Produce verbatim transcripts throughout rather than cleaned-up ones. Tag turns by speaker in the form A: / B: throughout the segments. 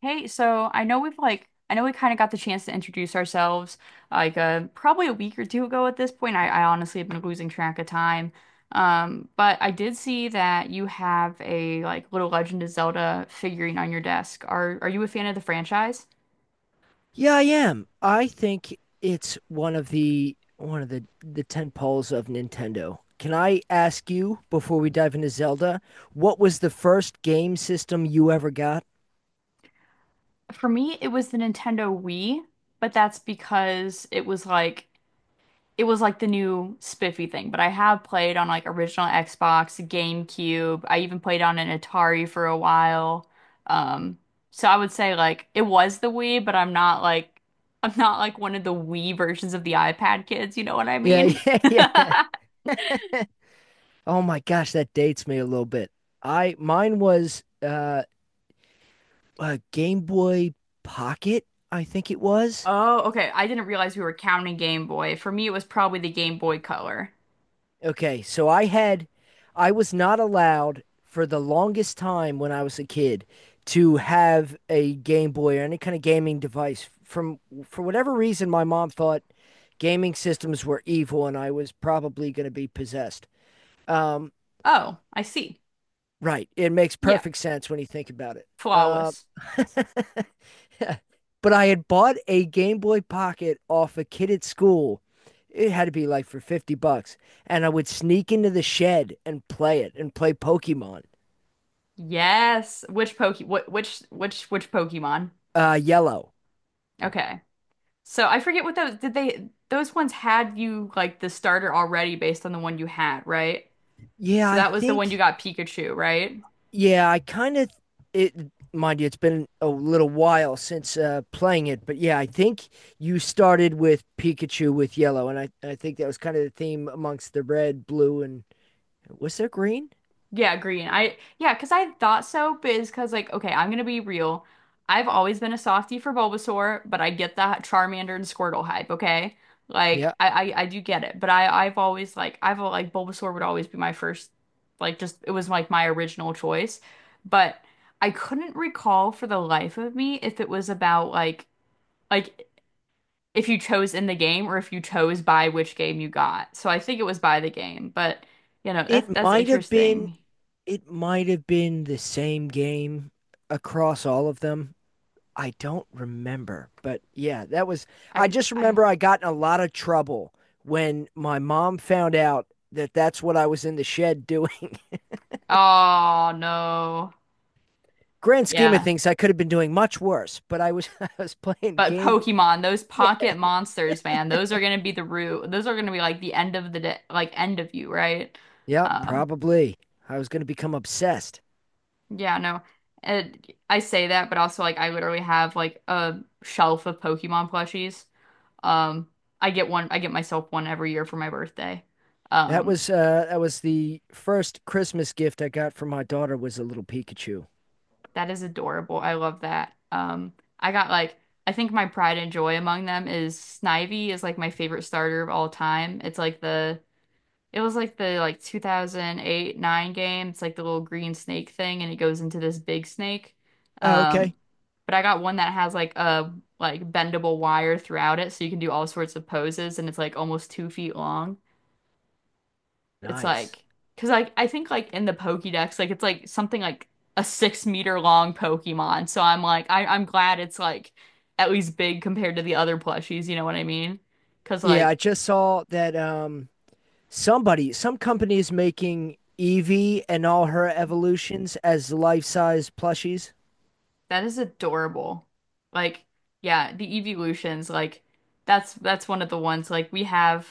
A: Hey, so I know we've like I know we kind of got the chance to introduce ourselves like uh probably a week or two ago at this point. I, I honestly have been losing track of time. Um, but I did see that you have a like little Legend of Zelda figurine on your desk. Are are you a fan of the franchise?
B: Yeah, I am. I think it's one of the one of the the tent poles of Nintendo. Can I ask you before we dive into Zelda, what was the first game system you ever got?
A: For me, it was the Nintendo Wii, but that's because it was like it was like the new spiffy thing, but I have played on like original Xbox, GameCube. I even played on an Atari for a while. Um, so I would say like it was the Wii, but I'm not like I'm not like one of the Wii versions of the iPad kids, you know what I
B: Yeah,
A: mean?
B: yeah, yeah. Oh my gosh, that dates me a little bit. I mine was uh a Game Boy Pocket, I think it was.
A: Oh, okay. I didn't realize we were counting Game Boy. For me, it was probably the Game Boy Color.
B: Okay, so I had I was not allowed for the longest time when I was a kid to have a Game Boy or any kind of gaming device. From For whatever reason, my mom thought gaming systems were evil and I was probably going to be possessed. Um,
A: Oh, I see.
B: right. It makes
A: Yeah,
B: perfect sense when you think about it. Uh,
A: flawless.
B: but I had bought a Game Boy Pocket off a kid at school. It had to be like for 50 bucks. And I would sneak into the shed and play it and play Pokemon,
A: Yes. Which Poke? What? Which? Which? Which Pokemon?
B: uh, Yellow.
A: Okay. So I forget what those did they those ones had you like the starter already based on the one you had, right?
B: Yeah,
A: So
B: I
A: that was the one you
B: think,
A: got Pikachu, right?
B: yeah, I kind of, it, mind you, it's been a little while since uh, playing it. But yeah, I think you started with Pikachu with Yellow. And I, I think that was kind of the theme amongst the red, blue, and was there green?
A: Yeah, green. I yeah because I thought so, but it's because like okay, I'm gonna be real. I've always been a softie for Bulbasaur, but I get the Charmander and Squirtle hype, okay? Like
B: Yeah.
A: I I, I do get it, but I I've always like I've al- like Bulbasaur would always be my first like just it was like my original choice, but I couldn't recall for the life of me if it was about like like if you chose in the game or if you chose by which game you got. So I think it was by the game, but you know, that's
B: It
A: that's
B: might have been
A: interesting.
B: it might have been the same game across all of them. I don't remember, but yeah, that was. I
A: I
B: just
A: I
B: remember I got in a lot of trouble when my mom found out that that's what I was in the shed doing.
A: Oh no.
B: Grand scheme of
A: Yeah.
B: things, I could have been doing much worse, but I was I was playing
A: But
B: game.
A: Pokemon, those
B: Yeah,
A: pocket monsters, man, those are gonna be the root. Those are gonna be like the end of the day, like end of you, right?
B: yep,
A: Um,
B: probably. I was going to become obsessed.
A: yeah, no. It, I say that, but also like I literally have like a shelf of Pokemon plushies. Um, I get one, I get myself one every year for my birthday.
B: That
A: Um,
B: was uh that was the first Christmas gift I got from my daughter, was a little Pikachu.
A: That is adorable. I love that. Um, I got like I think my pride and joy among them is Snivy is like my favorite starter of all time. It's like the it was like the like two thousand eight nine game. It's like the little green snake thing and it goes into this big snake.
B: Oh,
A: Um,
B: okay.
A: but I got one that has like a like bendable wire throughout it so you can do all sorts of poses and it's like almost two feet long. It's
B: Nice.
A: like, because like I think like in the Pokédex, like it's like something like a six meter long Pokemon. So I'm like, I I'm glad it's like at least big compared to the other plushies. You know what I mean? Because
B: Yeah, I
A: like
B: just saw that um somebody, some company is making Evie and all her evolutions as life-size plushies.
A: that is adorable. Like yeah, the evolutions like that's that's one of the ones like we have.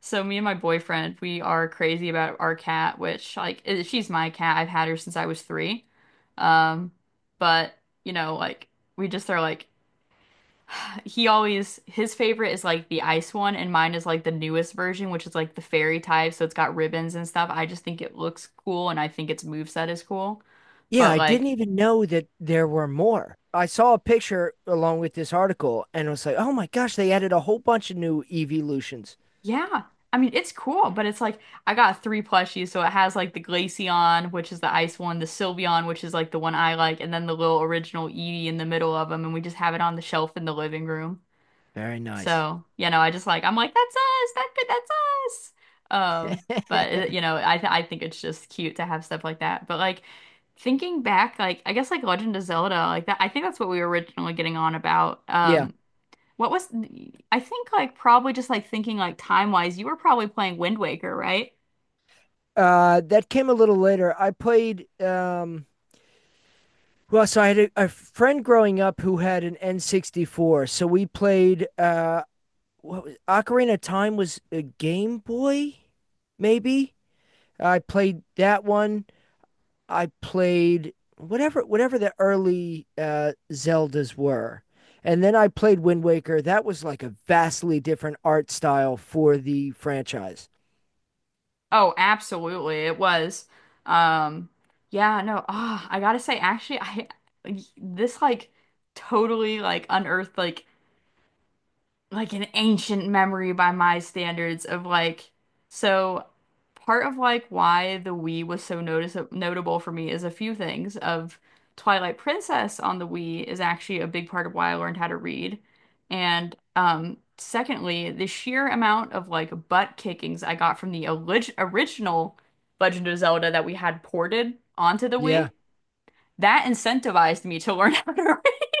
A: So me and my boyfriend, we are crazy about our cat, which like i- she's my cat. I've had her since I was three. Um, but you know, like we just are like he always his favorite is like the ice one, and mine is like the newest version, which is like the fairy type, so it's got ribbons and stuff. I just think it looks cool, and I think its moveset is cool.
B: Yeah,
A: But
B: I didn't
A: like,
B: even know that there were more. I saw a picture along with this article and was like, "Oh my gosh, they added a whole bunch of new evolutions."
A: yeah, I mean, it's cool, but it's like I got three plushies, so it has like the Glaceon, which is the ice one, the Sylveon, which is like the one I like, and then the little original Eevee in the middle of them, and we just have it on the shelf in the living room.
B: Very nice.
A: So, you know, I just like I'm like that's us. That could that's us. Um, but it- you know, I th I think it's just cute to have stuff like that. But like thinking back, like I guess like Legend of Zelda, like that I think that's what we were originally getting on about.
B: Yeah.
A: Um, what was I think like probably just like thinking like time-wise, you were probably playing Wind Waker, right?
B: Uh that came a little later. I played um well, so I had a, a friend growing up who had an N sixty-four. So we played uh what was Ocarina of Time was a Game Boy, maybe. I played that one. I played whatever whatever the early uh, Zeldas were, and then I played Wind Waker. That was like a vastly different art style for the franchise.
A: Oh, absolutely. It was. Um, yeah, no. Ah, I gotta say actually I this like totally like unearthed like like an ancient memory by my standards of like so part of like why the Wii was so notice notable for me is a few things of Twilight Princess on the Wii is actually a big part of why I learned how to read. And um secondly, the sheer amount of like butt kickings I got from the olig- original Legend of Zelda that we had ported onto the
B: Yeah.
A: Wii, that incentivized me to learn how to read.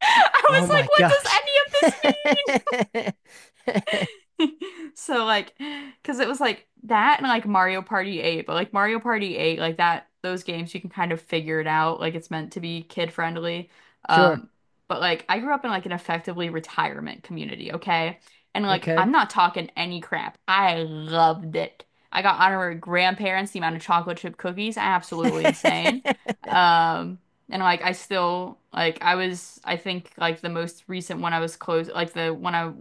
A: I was
B: Oh
A: like,
B: my
A: what does
B: gosh.
A: any of this mean? So like, because it was like that and like Mario Party eight, but like Mario Party eight, like that those games you can kind of figure it out. Like it's meant to be kid friendly.
B: Sure.
A: Um, but like I grew up in like an effectively retirement community, okay? And like
B: Okay.
A: I'm not talking any crap. I loved it. I got honorary grandparents, the amount of chocolate chip cookies, absolutely insane. Um, and like I still like I was I think like the most recent one I was close like the one I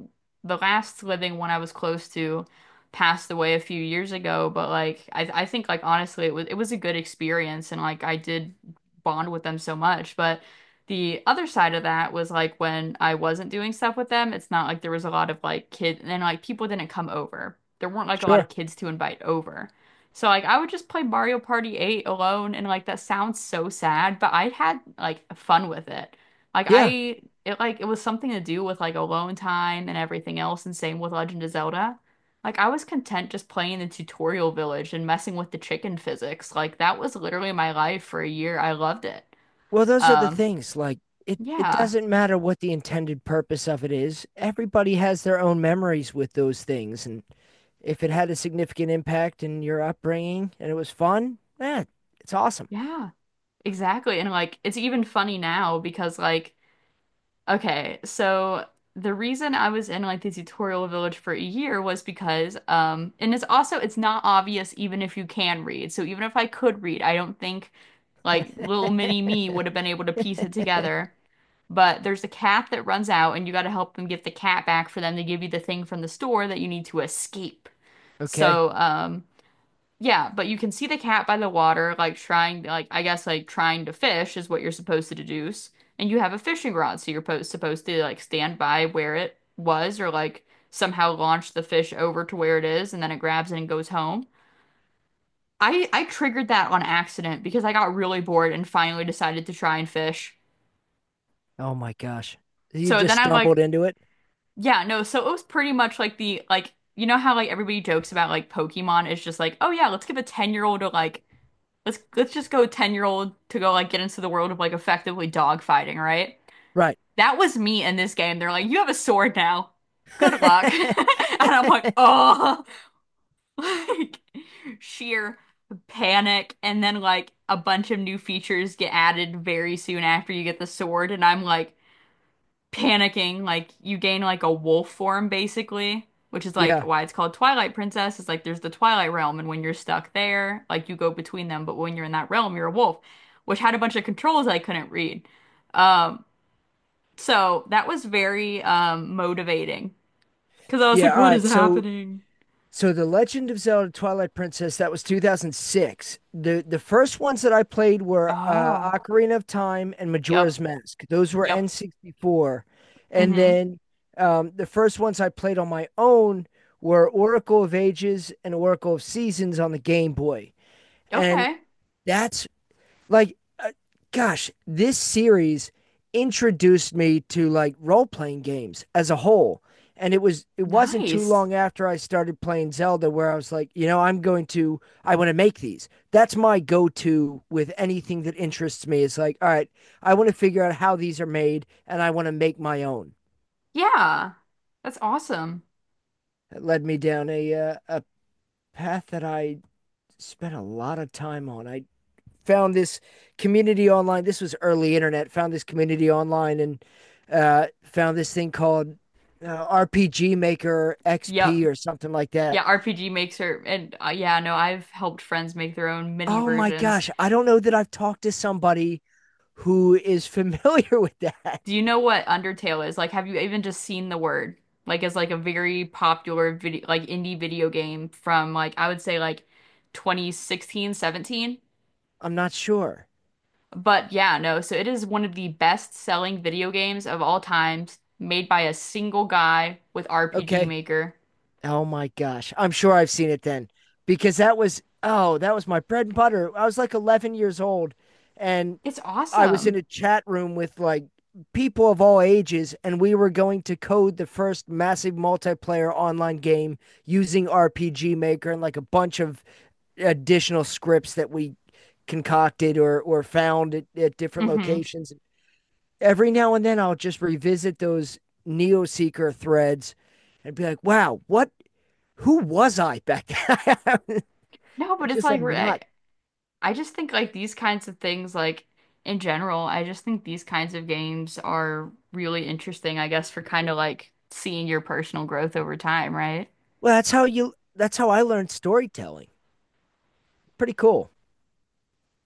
A: the last living one I was close to passed away a few years ago, but like I I think like honestly it was it was a good experience and like I did bond with them so much. But the other side of that was like when I wasn't doing stuff with them, it's not like there was a lot of like kids and like people didn't come over. There weren't like a lot
B: Sure.
A: of kids to invite over. So like I would just play Mario Party eight alone and like that sounds so sad, but I had like fun with it. Like
B: Yeah.
A: I it like it was something to do with like alone time and everything else and same with Legend of Zelda. Like I was content just playing the tutorial village and messing with the chicken physics. Like that was literally my life for a year. I loved it.
B: Well, those are the
A: Um
B: things like it it
A: yeah.
B: doesn't matter what the intended purpose of it is. Everybody has their own memories with those things, and if it had a significant impact in your upbringing and it was fun, eh, it's awesome.
A: Yeah. Exactly. And like it's even funny now because like okay, so the reason I was in like the tutorial village for a year was because um and it's also it's not obvious even if you can read. So even if I could read, I don't think like little mini me would have been able to piece it together. But there's a cat that runs out and you got to help them get the cat back for them to give you the thing from the store that you need to escape.
B: Okay.
A: So um yeah, but you can see the cat by the water, like trying, like I guess, like trying to fish is what you're supposed to deduce. And you have a fishing rod, so you're po supposed to like stand by where it was, or like somehow launch the fish over to where it is, and then it grabs it and goes home. I I triggered that on accident because I got really bored and finally decided to try and fish.
B: Oh my gosh. You
A: So
B: just
A: then I like,
B: stumbled into it.
A: yeah, no, so it was pretty much like the like you know how like everybody jokes about like Pokemon is just like, oh yeah, let's give a ten-year-old a like let's let's just go ten year old to go like get into the world of like effectively dog fighting, right?
B: Right.
A: That was me in this game. They're like, you have a sword now. Good luck. And I'm like, oh, like sheer panic. And then like a bunch of new features get added very soon after you get the sword. And I'm like, panicking. Like you gain like a wolf form basically, which is like
B: Yeah.
A: why it's called Twilight Princess. It's like there's the Twilight Realm, and when you're stuck there, like you go between them, but when you're in that realm, you're a wolf, which had a bunch of controls I couldn't read. Um, so that was very um motivating because I was like,
B: Yeah. All
A: what is
B: right. So
A: happening?
B: so the Legend of Zelda Twilight Princess, that was two thousand six. The the first ones that I played were uh
A: Oh,
B: Ocarina of Time and
A: yep,
B: Majora's Mask. Those were
A: yep.
B: N sixty-four. And
A: Mm-hmm.
B: then um the first ones I played on my own were Oracle of Ages and Oracle of Seasons on the Game Boy. And
A: Okay.
B: that's like uh, gosh, this series introduced me to like role-playing games as a whole, and it was it wasn't too
A: Nice.
B: long after I started playing Zelda where I was like, you know, i'm going to I want to make these. That's my go-to with anything that interests me. It's like, all right, I want to figure out how these are made and I want to make my own.
A: Yeah. That's awesome.
B: It led me down a uh, a path that I spent a lot of time on. I found this community online. This was early internet. Found this community online and uh, found this thing called, uh, R P G Maker
A: Yep.
B: X P or something like that.
A: Yeah, R P G Maker, and uh, yeah, no, I've helped friends make their own mini
B: Oh my
A: versions.
B: gosh, I don't know that I've talked to somebody who is familiar with that.
A: Do you know what Undertale is? Like, have you even just seen the word? Like, it's like a very popular video, like indie video game from like I would say like twenty sixteen, seventeen.
B: I'm not sure.
A: But yeah, no, so it is one of the best-selling video games of all times, made by a single guy with R P G
B: Okay.
A: Maker.
B: Oh my gosh. I'm sure I've seen it then, because that was, oh, that was my bread and butter. I was like eleven years old, and
A: It's
B: I was in
A: awesome.
B: a chat room with like people of all ages, and we were going to code the first massive multiplayer online game using R P G Maker and like a bunch of additional scripts that we concocted or or found at, at different
A: Hmm.
B: locations. Every now and then I'll just revisit those Neo Seeker threads and be like, wow, what who was I back then? I was
A: No, but it's
B: just a
A: like
B: nut.
A: I just think like these kinds of things, like in general, I just think these kinds of games are really interesting, I guess, for kind of like seeing your personal growth over time, right?
B: Well, that's how you that's how I learned storytelling. Pretty cool.